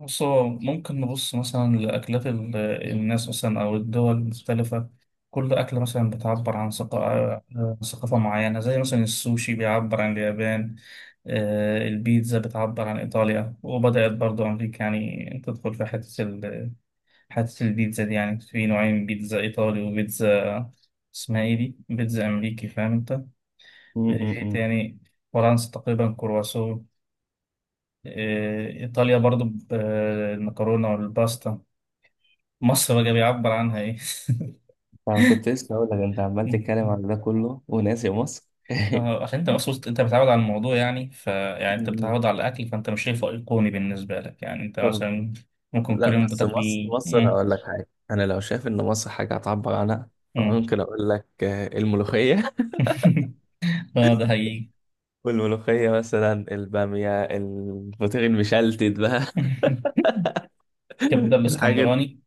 بص، هو ممكن نبص مثلا لأكلات الناس، مثلا، أو الدول المختلفة. كل أكلة مثلا بتعبر عن عن ثقافة معينة، زي مثلا السوشي بيعبر عن اليابان. البيتزا بتعبر عن إيطاليا، وبدأت برضو أمريكا يعني تدخل في حتة البيتزا دي. يعني في نوعين: بيتزا إيطالي وبيتزا اسمها إيه دي، بيتزا أمريكي. فاهم أنت؟ إيه امم تاني؟ فرنسا تقريبا كرواسون. إيطاليا برضو المكرونة والباستا. مصر بقى بيعبر عنها ايه؟ انا كنت لسه هقول لك انت عمال تتكلم على ده كله وناسي مصر. عشان انت مصر، انت بتتعود على الموضوع يعني. يعني انت م-م. بتتعود على الاكل، فانت مش شايفه ايقوني بالنسبه لك. يعني انت طب، مثلا ممكن لا كل يوم بس بتاكل مصر إيه؟ مصر مم. هقول لك حاجه. انا لو شايف ان مصر حاجه هتعبر عنها مم. فممكن اقول لك الملوخيه. اه، ده حقيقي. والملوخيه مثلا الباميه الفطير المشلتت بقى. كبده الحاجات دي الاسكندراني.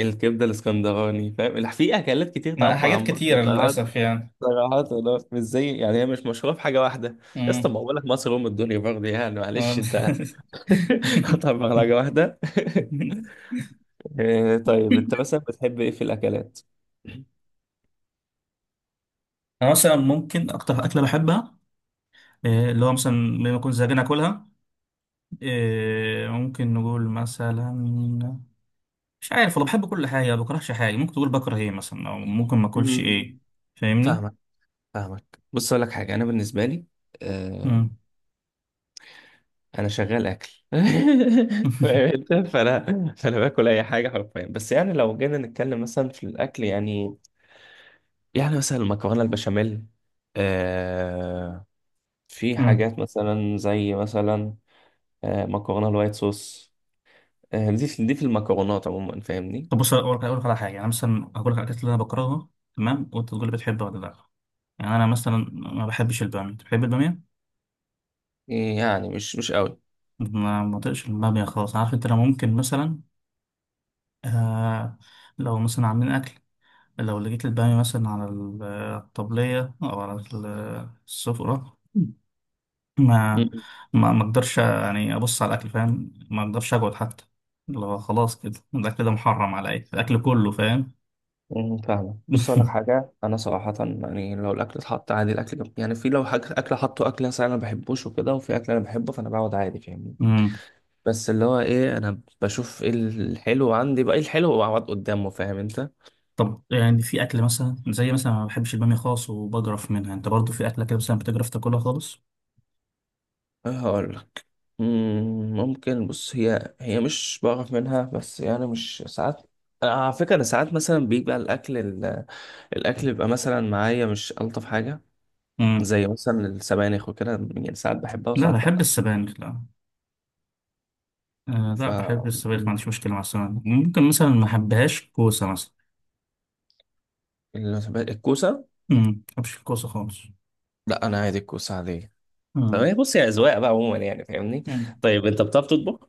الكبده الاسكندراني فاهم؟ لا، في اكلات كتير ما تعبر عن حاجات مصر كتيره صراحه. للاسف يعني. صراحه والله، مش زي يعني هي مش مشهوره في حاجه واحده. يا اسطى مم. ما بقول لك مصر ام الدنيا برضه يعني معلش آه. انت. قطع مهرجة واحدة. إيه، طيب انت مثلا بتحب ايه في الاكلات؟ انا مثلا ممكن اكتر اكله بحبها، اللي هو مثلا لما اكون زهقان اكلها. ممكن نقول مثلا، مش عارف والله. بحب كل حاجة، ما بكرهش حاجة. ممكن تقول بكره ايه مثلا، او ممكن ما اكلش مم. ايه. فاهمني؟ فاهمك فاهمك. بص اقول لك حاجه انا بالنسبه لي آه امم. انا شغال اكل. فاهم أنت؟ فانا باكل اي حاجه حرفيا. بس يعني لو جينا نتكلم مثلا في الاكل يعني مثلا المكرونه البشاميل. آه في امم. حاجات مثلا زي مثلا مكرونه الوايت صوص. دي في المكرونات عموما فاهمني. طب بص، اقول لك أقول لك على حاجة. يعني انا مثلا هقول لك على الاكلات اللي انا بكرهها، تمام؟ وانت تقول لي بتحبها ولا لا. يعني انا مثلا ما بحبش البامية. بتحب البامية؟ يعني مش قوي. ما بطيقش البامية خالص، عارف انت. انا ممكن مثلا، آه، لو مثلا عاملين اكل، لو لقيت البامية مثلا على الطبلية او على السفرة، ما مم. ما اقدرش يعني ابص على الاكل، فاهم؟ ما اقدرش اقعد حتى. اللي هو خلاص كده الاكل ده محرم عليا، الاكل كله، فاهم؟ فاهمة. بص أقول لك حاجة أنا صراحة يعني لو الأكل اتحط عادي. يعني في لو حاجة أكل حطه أكل مثلا أنا ما بحبوش وكده وفي أكل أنا بحبه فأنا بقعد عادي فاهمني. امم. بس اللي هو إيه أنا بشوف إيه الحلو عندي بقى إيه الحلو وأقعد قدامه فاهم أنت. طب يعني في اكل مثلا زي ما بحبش الباميه خالص وبجرف منها. انت برضو في اكله كده مثلا بتجرف تاكلها خالص؟ هقول لك. ممكن بص هي مش بعرف منها بس يعني مش ساعات. أنا على فكرة أنا ساعات مثلا بيبقى الأكل بيبقى مثلا معايا مش ألطف حاجة. امم. زي مثلا السبانخ وكده. يعني ساعات بحبها لا، وساعات بحب لأ. السبانخ، لا. آه، ف لا، بحب السبانخ، ما مم. عنديش مشكله مع السبانخ. ممكن مثلا ما احبهاش كوسه مثلا. الكوسة. امم. ما بحبش الكوسه خالص. لا انا عادي الكوسة عادية. تمام بص يا اذواق بقى عموما يعني فاهمني. امم. طيب انت بتعرف تطبخ؟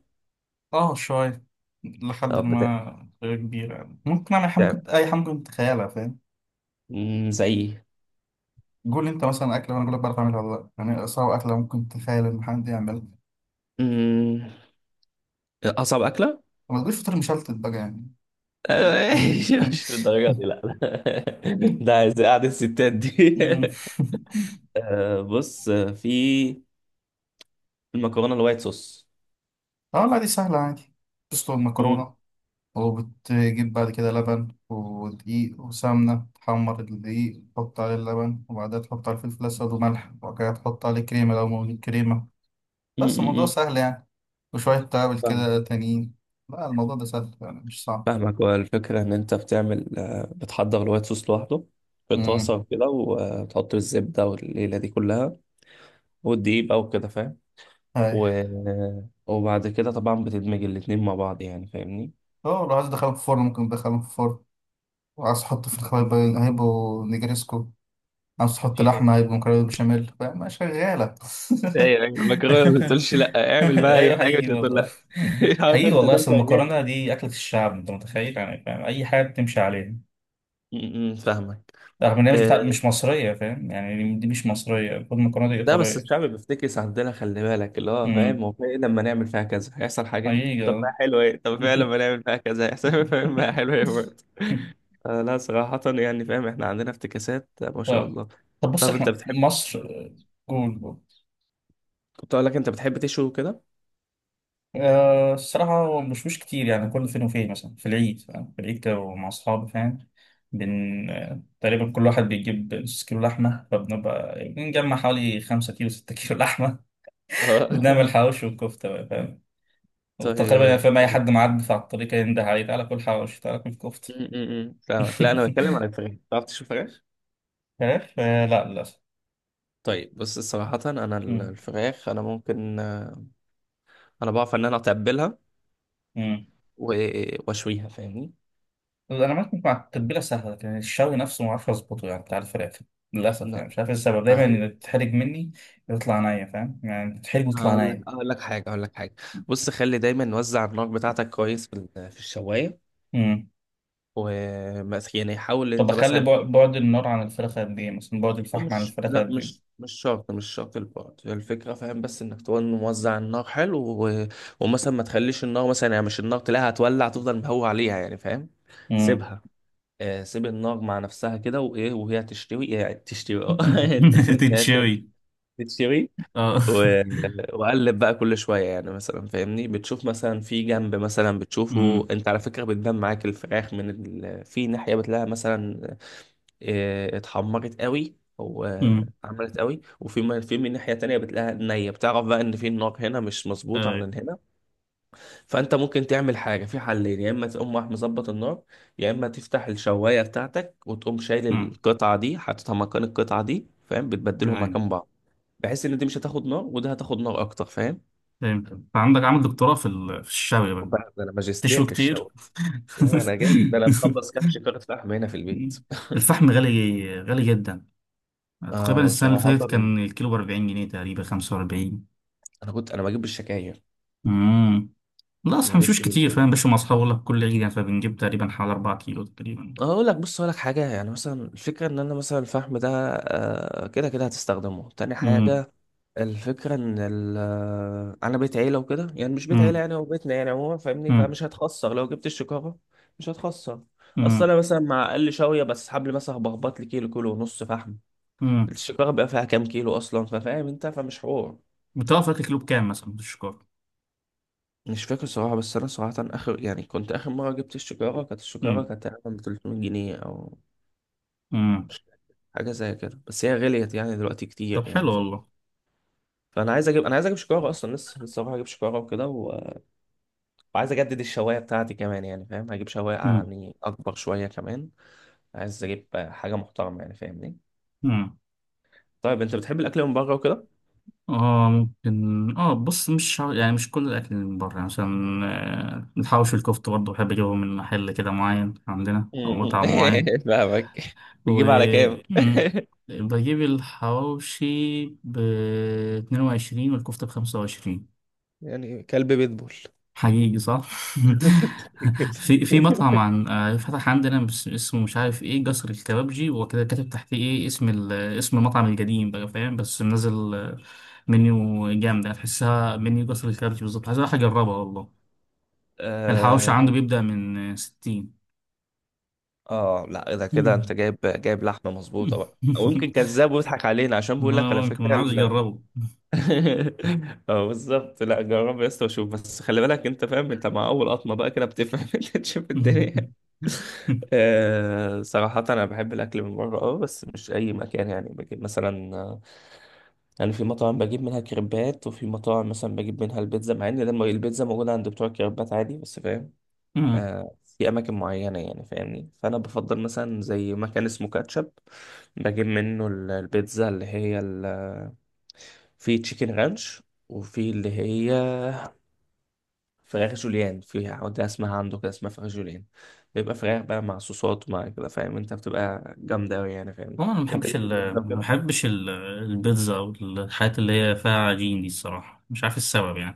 اه، شوية. لحد طب بتعرف ما غير كبيرة يعني، ممكن أعمل حاجة، ممكن بتعرف. أي حاجة ممكن تتخيلها، فاهم؟ زي إيه؟ قول لي أنت مثلا أكلة وأنا أقول لك بعرف أعملها ولا لأ. يعني أصعب أكلة ممكن تتخيل إن حد يعملها. مم، اصعب اكلة. ما تقوليش فطير مشلتت بقى يعني. آه، مش للدرجة دي لا لا. ده عايز قعدة الستات دي. بص في المكرونة الوايت صوص. اه لا، دي سهلة عادي. تسلق مم. المكرونة، وبتجيب بعد كده لبن ودقيق وسمنة، تحمر الدقيق، تحط عليه اللبن، وبعدها تحط عليه الفلفل الأسود وملح، وبعد كده تحط عليه كريمة لو موجود كريمة. مم، بس الموضوع مم، سهل يعني. وشوية توابل مم. كده تانيين. لا، الموضوع ده سهل يعني، مش صعب. فاهمك. هو الفكرة إن أنت بتعمل بتحضر الوايت صوص لوحده. في طاسة امم. وكده وتحط الزبدة والليلة دي كلها والدقيق بقى وكده فاهم. هاي. و... وبعد كده طبعا بتدمج الاتنين مع بعض يعني فاهمني. اه، لو عايز تدخلهم في الفرن، ممكن تدخلهم في الفرن. وعايز تحط في الخبايب، مم. هيبقوا نجريسكو. عايز تحط في لحمة، ايه؟ هيبقوا مكرونة بشاميل. فاهم؟ شغالة. إيه يا راجل المكرونه ما بتقولش لا اعمل بقى اي ايوه، حاجه مش حقيقي هتقول والله. لا. عارف حقيقي انت والله، ده انت اصل جامد. المكرونه دي اكله الشعب. انت متخيل يعني؟ فاهم، اي حاجه بتمشي عليها، م- م، فاهمك. رغم ان هي آه، مش مصريه، فاهم يعني؟ دي مش مصريه، المفروض المكرونه دي لا بس ايطاليه. الشعب بيفتكس عندنا خلي بالك اللي هو فاهم امم. هو في إيه لما نعمل فيها كذا هيحصل حاجة حقيقي. طب ما آه. حلو ايه طب فعلا ما نعمل بقى كذا احسن. فاهم بقى حلو. آه لا صراحة يعني فاهم احنا عندنا افتكاسات ما شاء طيب. الله. طب بص، طب انت احنا بتحب؟ مصر، جول جول. كنت اقول لك انت بتحب تشوي كده؟ الصراحة هو مش مش كتير يعني، كل فين وفين، مثلا في العيد، فاهم؟ في العيد كده، ومع أصحابي، فاهم؟ بن آه، تقريبا كل واحد بيجيب نص كيلو لحمة، فبنبقى بنجمع حوالي خمسة كيلو، ستة كيلو لحمة. اه. وبنعمل حواوشي وكفتة بقى، فاهم؟ وتقريبا يعني طيب فاهم، أي م- حد معدي على الطريق ينده عليه: تعالى كل حواوشي، تعالى كل كفتة. م- م. فاهمك. لا انا بتكلم عن الفراخ. بتعرف تشوي فراخ؟ عارف، لا، للأسف. طيب بص صراحة انا مم. الفراخ انا ممكن انا بعرف ان انا اتبلها مم. واشويها فاهمني. انا معاك، مع التتبيله سهله، لكن الشوي نفسه ما اعرفش اظبطه، يعني بتاع الفراخ. للاسف لا يعني مش عارف ايه السبب، دايما سهل. اللي بتتحرج مني يطلع نيه، فاهم يعني؟ بتتحرج ويطلع هقول لك نيه. هقول لك حاجة هقول لك حاجة بص خلي دايما نوزع النار بتاعتك كويس في الشواية. امم. ومثلا يعني حاول ان طب انت اخلي مثلا. بعد النار عن الفراخ قد ايه مثلا؟ بعد الفحم عن ومش الفراخ لا قد مش ايه؟ مش شرط مش شرط البعد هي الفكرة فاهم بس انك تكون موزع النار حلو. و... ومثلا ما تخليش النار مثلا يعني مش النار تلاقيها هتولع تفضل مهوي عليها يعني فاهم. امم. سيبها. سيب النار مع نفسها كده وايه وهي تشتوي يعني تشتوي اه. لا، تتشوي. تشتوي. اه. و... وقلب بقى كل شويه يعني مثلا فاهمني بتشوف مثلا في جنب مثلا بتشوفه امم. انت على فكره بتبان معاك الفراخ في ناحيه بتلاقيها مثلا اتحمرت قوي او امم. عملت قوي وفي في من ناحيه تانية بتلاقيها نيه بتعرف بقى ان في النار هنا مش مظبوطه عن اي. هنا. فانت ممكن تعمل حاجه في حلين يا اما تقوم رايح مظبط النار يا اما تفتح الشوايه بتاعتك وتقوم شايل امم. القطعه دي حاططها مكان القطعه دي فاهم بتبدلهم تمام. مكان بعض بحيث ان دي مش هتاخد نار وده هتاخد نار اكتر فاهم. فهمت. انت عندك عامل دكتوراه في في الشوي خد بقى. بالك ده انا ماجستير تشوي في كتير. الشاور. يعني انا جامد ده انا مخلص كام شكاره فحم هنا في البيت. الفحم غالي، غالي جدا. تقريبا انا السنة اللي صراحه فاتت كان الكيلو ب 40 جنيه، تقريبا 45. انا كنت انا بجيب بالشكاير امم. لا، ما اصلا مشوش بجيبش كتير، بالجو. فاهم؟ باش مع اصحابي ولا كل عيد يعني، فبنجيب تقريبا حوالي 4 كيلو تقريبا. اقول لك بص اقول لك حاجه يعني مثلا الفكره ان انا مثلا الفحم ده كده كده هتستخدمه تاني امم. حاجه. الفكره ان انا بيت عيله وكده يعني مش بيت عيله امم. يعني هو بيتنا يعني عموما فاهمني امم. فمش هتخسر لو جبت الشكاره. مش هتخسر. اصل امم. انا مثلا مع اقل شويه بس حبل مثلا بخبط لي كيلو كيلو ونص فحم. امم. السيجارة بقى فيها كام كيلو أصلا ففاهم أنت فمش حوار. بتعرف تاكل كيلو بكام مثلا بالشكر؟ مش فاكر صراحة بس أنا صراحة آخر يعني كنت آخر مرة جبت السيجارة كانت السيجارة امم. كانت تقريبا 300 جنيه أو امم. حاجة زي كده بس هي غليت يعني دلوقتي كتير طب حلو يعني فاهم. والله. فأنا عايز أجيب شيكارة أصلا لسه هروح أجيب شيكارة وكده وعايز أجدد الشواية بتاعتي كمان يعني فاهم هجيب شواية امم. يعني أكبر شوية كمان. عايز أجيب حاجة محترمة يعني فاهمني. امم. طيب أنت بتحب الأكل من بره وكده؟ اه، ممكن، اه. بص، مش يعني مش كل الاكل من بره يعني. مثلا، الحواوشي والكفته برضه بحب اجيبهم من محل كده معين عندنا، او مطعم معين. فاهمك. و، بتجيب على كام؟ مم. بجيب الحواوشي ب 22، والكفتة ب 25. يعني كلب بيتبول حقيقي، صح؟ في مطعم عن آه، فتح عندنا، اسمه مش عارف ايه، جسر الكبابجي وكده، كاتب تحتيه ايه، اسم اسم المطعم القديم بقى، فاهم؟ بس منزل منيو جامدة، تحسها منيو جسر الكبابجي بالظبط. عايز أروح أجربها والله. الحواوشي عنده اه. بيبدأ من 60. لا اذا كده انت جايب لحمه مظبوطه بقى او يمكن كذاب ويضحك علينا عشان بيقول لك على ممكن، أنا فكره عاوز أجربه. اه بالظبط لا جرب يا اسطى وشوف بس خلي بالك انت فاهم انت مع اول قطمه بقى كده بتفهم. انت تشوف الدنيا. صراحه انا بحب الاكل من بره بس مش اي مكان يعني بجيب مثلا يعني في مطاعم بجيب منها كريبات وفي مطاعم مثلا بجيب منها البيتزا مع ان لما البيتزا موجوده عند بتوع الكريبات عادي بس فاهم. امم. في اماكن معينه يعني فاهمني فانا بفضل مثلا زي مكان اسمه كاتشب بجيب منه البيتزا اللي هي في تشيكن رانش وفي اللي هي فراخ جوليان في عودة اسمها عنده كده اسمها فراخ جوليان. بيبقى فراخ بقى مع صوصات ومع كده فاهم انت بتبقى جامدة أوي يعني هو فاهمني. انا ما انت بحبش ليك في البيتزا ما كده؟ بحبش البيتزا، او الحاجات اللي هي فيها عجين دي. الصراحه مش عارف إيه السبب يعني،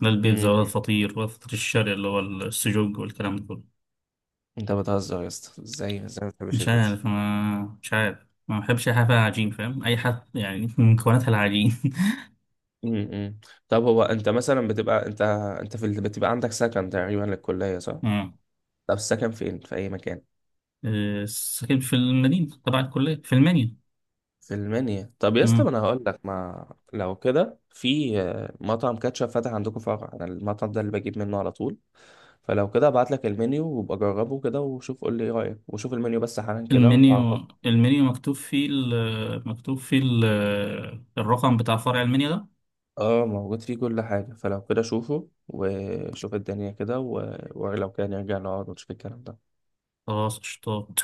لا البيتزا، امم ولا الفطير، ولا الفطير الشرقي اللي هو السجق والكلام ده كله. انت بتهزر يا اسطى ازاي ازاي ما بتحبش البيتزا؟ مش عارف، ما بحبش اي حاجه فيها عجين، فاهم؟ اي حد يعني من مكوناتها العجين. امم طب هو انت مثلا بتبقى انت انت في بتبقى عندك سكن تقريبا للكلية صح؟ امم. طب السكن فين في اي مكان؟ ساكن في المدينه تبع الكليه، في المنيو. في المنيا. طب يا اسطى ما امم. انا هقول لك ما لو كده في مطعم كاتشب فاتح عندكم فرع انا المطعم ده اللي بجيب منه على طول. فلو كده ابعت لك المنيو وابقى جربه كده وشوف قول لي ايه رايك وشوف المنيو بس حالا كده وعرفني. المنيو، مكتوب فيه مكتوب فيه الرقم بتاع فرع المنيو ده. اه موجود فيه كل حاجه فلو كده شوفه وشوف الدنيا كده ولو كان نرجع نقعد ونشوف الكلام ده. خلاص، قشطات.